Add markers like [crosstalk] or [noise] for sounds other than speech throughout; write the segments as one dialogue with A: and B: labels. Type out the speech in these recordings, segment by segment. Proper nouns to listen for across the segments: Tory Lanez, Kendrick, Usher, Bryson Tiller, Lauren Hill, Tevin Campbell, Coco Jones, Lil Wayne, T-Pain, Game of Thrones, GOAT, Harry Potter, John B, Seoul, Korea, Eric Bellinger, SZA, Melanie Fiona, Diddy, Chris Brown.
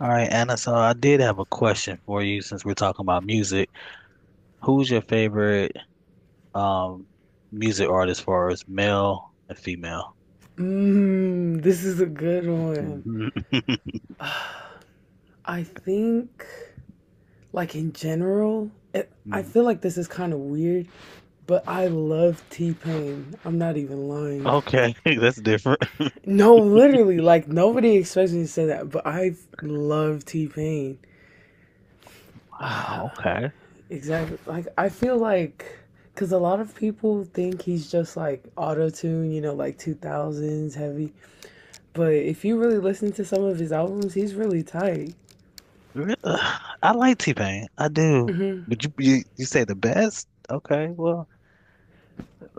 A: All right, Anna, so I did have a question for you since we're talking about music. Who's your favorite um music artist as far as male and female?
B: Mm, this is a good one.
A: Mhm. [laughs]
B: I think, like in general, I feel like this is kind of weird, but I love T Pain. I'm not even lying.
A: Okay, [laughs] that's different.
B: No, literally, like nobody expects me to say that, but I love T Pain.
A: Wow, okay.
B: Exactly. Like, I feel like, because a lot of people think he's just like auto tune, like 2000s heavy, but if you really listen to some of his albums, he's really tight.
A: I like T-Pain. I do.
B: Mhm.
A: But you say the best? Okay, well,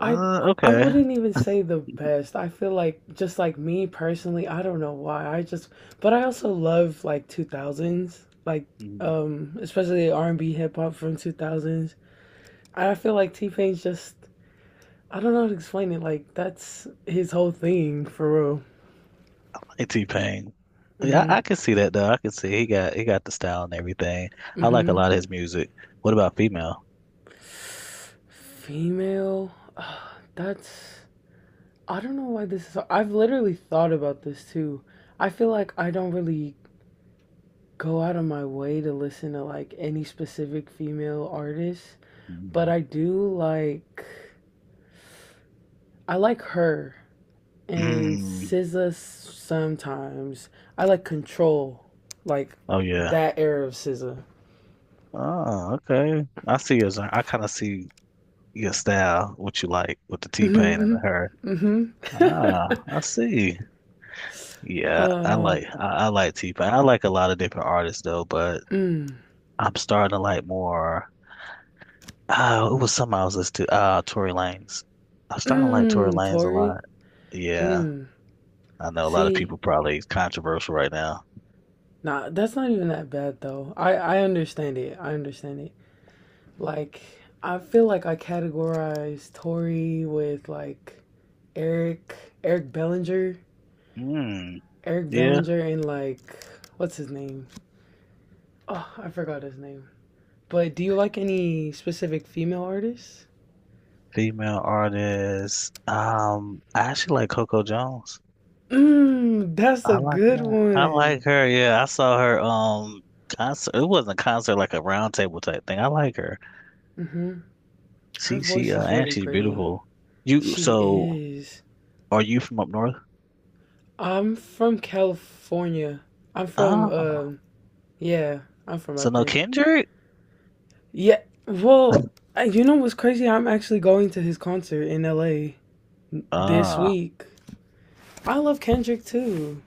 B: I I
A: okay.
B: wouldn't even say the best. I feel like just like me personally, I don't know why. I just But I also love like 2000s, like
A: Mm,
B: especially R&B hip hop from 2000s. I feel like T-Pain's just I don't know how to explain it. Like that's his whole thing for real.
A: I like T-Pain. Yeah,
B: Mhm.
A: I can see that though. I can see he got the style and everything. I like a
B: Mhm.
A: lot of his music. What about female?
B: Female. [sighs] That's I don't know why this is so, I've literally thought about this too. I feel like I don't really go out of my way to listen to like any specific female artist, but I like her and
A: Mm.
B: SZA sometimes. I like Control, like
A: Oh yeah.
B: that era of SZA.
A: Oh, okay. I see your genre. I kind of see your style, what you like with the T-Pain and the
B: Mhm.
A: her.
B: Mhm. Mhm.
A: Ah, I see.
B: [laughs]
A: Yeah,
B: um.
A: I like T-Pain. I like a lot of different artists though, but
B: Mm,
A: I'm starting to like more. Oh, it was something I was listening to. Ah, Tory Lanez. I'm starting to like Tory
B: mm,
A: Lanez a
B: Tori.
A: lot. Yeah,
B: Mm.
A: I know a lot of
B: See,
A: people probably controversial right now.
B: nah, that's not even that bad though. I understand it. I understand it. Like, I feel like I categorize Tory with like Eric, Eric Bellinger,
A: Mm, yeah,
B: And like, what's his name? Oh, I forgot his name. But do you like any specific female artists?
A: female artists. I actually like Coco Jones.
B: Mmm, that's
A: I
B: a
A: like
B: good
A: that. I
B: one.
A: like her. Yeah, I saw her concert. It wasn't a concert, like a round table type thing. I like her.
B: Hmm. Her
A: She she
B: voice
A: uh,
B: is
A: and
B: really
A: she's
B: pretty.
A: beautiful. You
B: She
A: so
B: is.
A: are you from up north?
B: I'm from California. I'm from, um, uh,
A: Oh,
B: yeah, I'm from
A: so
B: out
A: no
B: there.
A: Kendrick?
B: Yeah. Well, you know what's crazy? I'm actually going to his concert in LA this
A: Ah,
B: week. I love Kendrick too.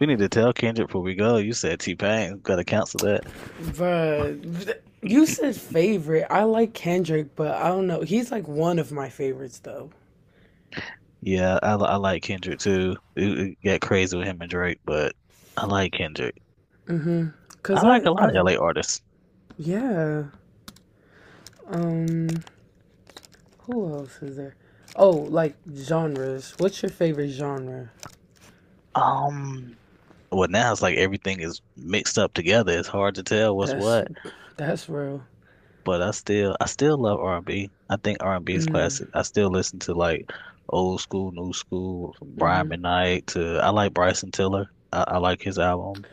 A: we need to tell Kendrick before we go. You said T-Pain. Got to cancel that.
B: But you said favorite. I like Kendrick, but I don't know. He's like one of my favorites though.
A: Yeah, I like Kendrick too. It got crazy with him and Drake, but I like Kendrick.
B: Mhm. Cuz
A: I like
B: I
A: a lot of
B: I've
A: LA artists.
B: yeah. Um who else is there? Oh, like genres. What's your favorite genre?
A: Um, well now it's like everything is mixed up together. It's hard to tell what's
B: That's
A: what,
B: that's real.
A: but I still love r and B. I think R&B is
B: Mm.
A: classic. I still listen to like old school, new school, from Brian
B: Mhm.
A: McKnight to I like Bryson Tiller. I like his album.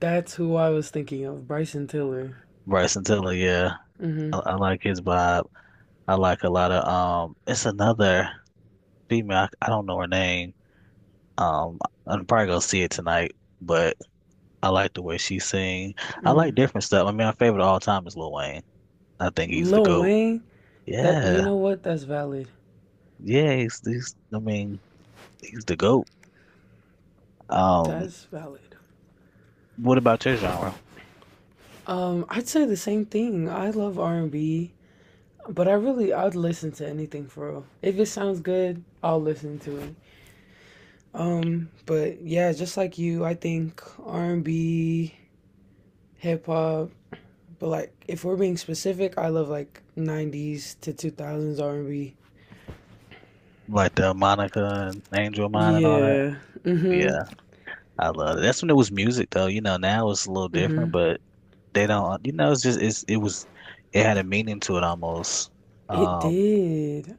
B: That's who I was thinking of, Bryson Tiller.
A: Bryson Tiller, yeah.
B: Mhm.
A: I like his vibe. I like a lot of it's another female I don't know her name. Um I'm probably gonna see it tonight, but I like the way she sing. I like
B: Mm.
A: different stuff. I mean, my favorite of all time is Lil Wayne. I think he's the
B: Lil
A: GOAT.
B: Wayne, that you
A: Yeah.
B: know what? That's valid.
A: Yeah, he's I mean, he's the GOAT. Um,
B: That's valid.
A: what about your genre?
B: I'd say the same thing. I love R&B, but I'd listen to anything for real. If it sounds good, I'll listen to it. But yeah, just like you, I think R&B, hip hop. But like, if we're being specific, I love like '90s to 2000s R&B.
A: Like the Monica and Angel of Mine and all that?
B: Yeah. Mhm.
A: Yeah, I love it. That's when it was music though. You know, now it's a little different,
B: Mhm.
A: but they don't, you know, it's just it was it had a meaning to it almost.
B: It
A: Um,
B: did.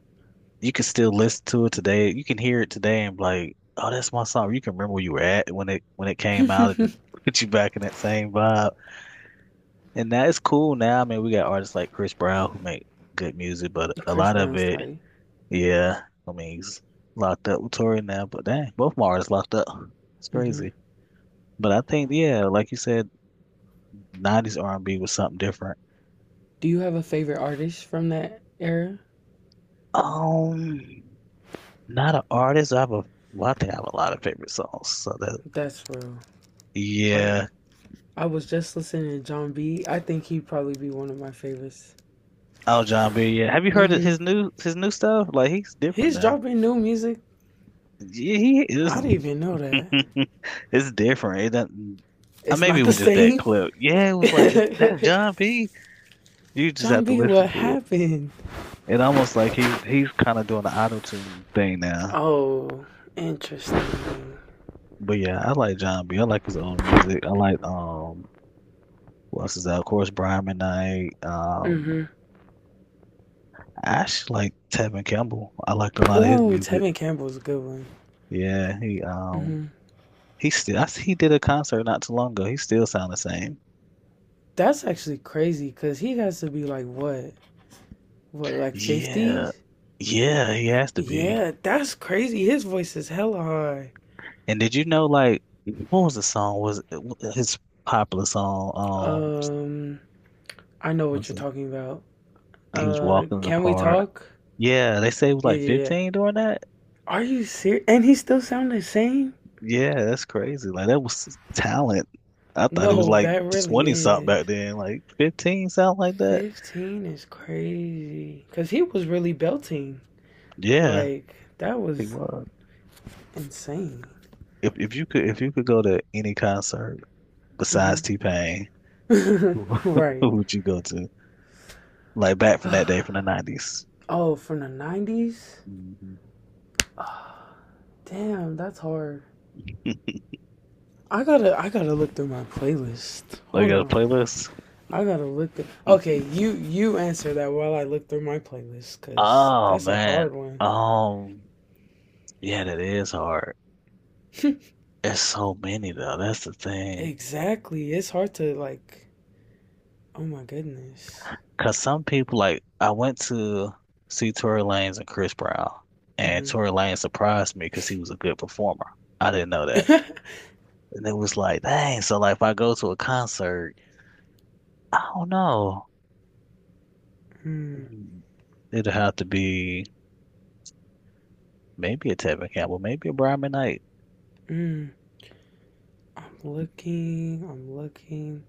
A: you can still listen to it today. You can hear it today and be like, oh, that's my song. You can remember where you were at when it came out. It just
B: [laughs]
A: [laughs] put you back in that same vibe. And now it's cool now. I mean, we got artists like Chris Brown who make good music, but a
B: Chris
A: lot of
B: Brown's
A: it,
B: tight.
A: yeah. I mean, he's locked up with Tory now, but dang, both my artists locked up. It's
B: Mhm.
A: crazy. But I think, yeah, like you said, 90s R&B was something different.
B: Do you have a favorite artist from that era?
A: Um, not an artist. Well, I think I have a lot of favorite songs. So that,
B: That's real. Like
A: yeah.
B: I was just listening to John B. I think he'd probably be one of my favorites.
A: Oh, John Beer, yeah. Have you heard of
B: Hmm.
A: his new stuff? Like he's different
B: He's
A: now.
B: dropping new music.
A: Yeah, he is.
B: I didn't even know that.
A: [laughs] It's different. It doesn't.
B: It's
A: Maybe it
B: not the
A: was just that
B: same.
A: clip. Yeah, it was like is that
B: [laughs]
A: John B. You just
B: John
A: have to
B: B,
A: listen
B: what
A: to it.
B: happened?
A: It almost like he's kind of doing the auto tune thing now.
B: Oh, interesting.
A: But yeah, I like John B. I like his old music. I like what else is that? Of course, Brian McKnight.
B: Mm-hmm.
A: I actually like Tevin Campbell. I liked a lot of his
B: Ooh,
A: music.
B: Tevin Campbell's a good one.
A: Yeah,
B: Hmm.
A: he still, he did a concert not too long ago. He still sound the same.
B: That's actually crazy because he has to be like what? What, like
A: Yeah,
B: 50s?
A: yeah, he has to be.
B: Yeah, that's crazy. His voice is hella high.
A: And did you know, like, what was the song? Was his popular song?
B: Um, I know what
A: Was
B: you're
A: it,
B: talking about.
A: he was walking in the
B: Can we
A: park.
B: talk?
A: Yeah, they say he was
B: Yeah,
A: like
B: yeah, yeah.
A: 15 doing that.
B: Are you serious? And he still sound the same?
A: Yeah, that's crazy. Like that was talent. I thought he was
B: No,
A: like
B: that really
A: 20 something
B: is.
A: back then. Like 15 sound like that.
B: 15 is crazy. Because he was really belting.
A: Yeah,
B: Like, that
A: he
B: was
A: was.
B: insane.
A: If you could go to any concert
B: Hmm.
A: besides T-Pain, who [laughs]
B: [laughs] Right.
A: who would you go to? Like back from that day from the 90s.
B: Oh, from the 90s?
A: Hmm.
B: Damn, that's hard.
A: [laughs]
B: I gotta look through my playlist.
A: Like
B: Hold
A: a
B: on.
A: playlist?
B: I gotta look. Okay,
A: [laughs]
B: you answer that while I look through my playlist, cause
A: Oh
B: that's a
A: man.
B: hard one.
A: Um, yeah, that is hard.
B: [laughs]
A: It's so many though. That's the thing.
B: Exactly, it's hard to like. Oh my goodness.
A: Cause some people like I went to see Tory Lanez and Chris Brown, and
B: Mm-hmm.
A: Tory Lanez surprised me because he was a good performer. I didn't know that,
B: [laughs]
A: and it was like, dang. So like, if I go to a concert, I don't know.
B: Mm,
A: Mm, it'd have to be. Maybe a Tevin Campbell, maybe a Brian Knight.
B: mm. I'm looking. I'm looking.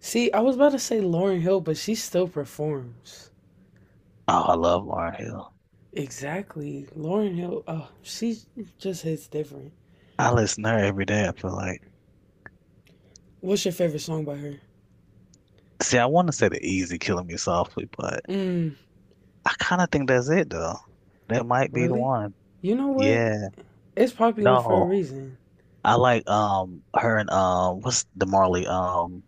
B: See, I was about to say Lauren Hill, but she still performs.
A: Oh, I love Lauren Hill.
B: Exactly, Lauren Hill. Oh, she just hits different.
A: I listen to her every day, I feel like.
B: What's your favorite song by her?
A: See, I want to say the easy killing me softly, but
B: Mm,
A: I kind of think that's it though. That might be the
B: really?
A: one.
B: You know what?
A: Yeah.
B: It's popular for a
A: No.
B: reason,
A: I like her and what's the Marley?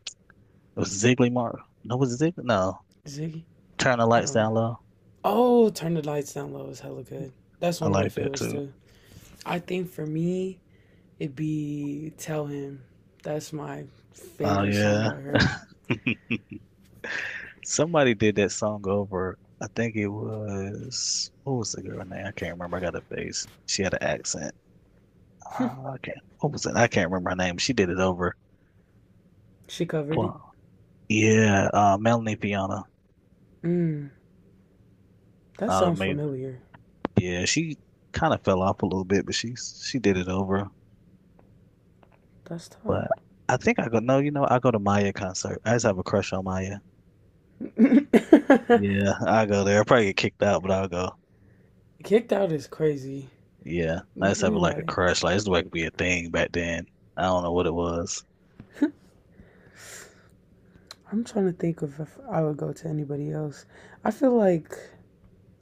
A: It was Ziggly Mar no was it Ziggly? No.
B: Ziggy.
A: Turn the
B: I
A: lights
B: don't know.
A: down low.
B: Oh, Turn the Lights Down Low is hella good. That's
A: I
B: one of my
A: like that
B: favorites
A: too.
B: too. I think for me, it'd be Tell Him. That's my
A: Oh
B: favorite song
A: yeah.
B: by her.
A: [laughs] Somebody did that song over. I think it was what was the girl name? I can't remember. I got a face. She had an accent.
B: [laughs]
A: I can't. What was it? I can't remember her name. She did it over.
B: She covered it.
A: Well, yeah, Melanie Fiona.
B: Mm, that sounds
A: Maybe.
B: familiar.
A: Yeah, she kind of fell off a little bit, but she did it over.
B: That's tight.
A: But I think I go. No, you know, I go to Maya concert. I just have a crush on Maya.
B: [laughs]
A: Yeah, I go there. I probably get kicked out, but I'll go.
B: Kicked Out is crazy.
A: Yeah, I just have
B: Dude,
A: like a
B: like.
A: crush. Like it's like be a thing back then. I don't know what it was.
B: [laughs] I'm trying to think of if I would go to anybody else. I feel like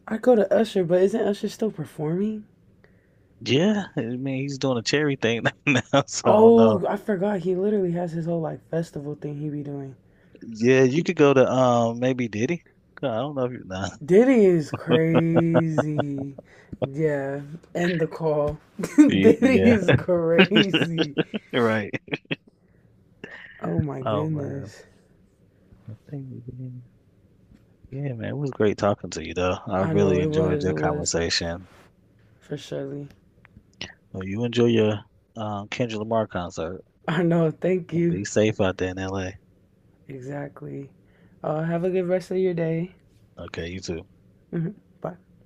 B: I would go to Usher, but isn't Usher still performing?
A: Yeah, I mean he's doing a cherry thing [laughs] now, so I don't know.
B: Oh, I forgot. He literally has his whole like festival thing he be doing.
A: Yeah, you could go to maybe Diddy. God, I don't know if you nah.
B: Diddy is crazy. Yeah, end the call. [laughs]
A: You
B: Diddy
A: yeah,
B: is crazy.
A: [laughs] you're right.
B: Oh my
A: Oh man,
B: goodness.
A: I think we did. Yeah, man, it was great talking to you though. I
B: I know
A: really
B: it
A: enjoyed
B: was,
A: your
B: it was
A: conversation.
B: for Shirley.
A: Well, you enjoy your Kendrick Lamar concert.
B: I know, thank you.
A: Be safe out there in LA.
B: Exactly. Have a good rest of your day. [laughs]
A: Okay, you too.
B: Mhm. Bye.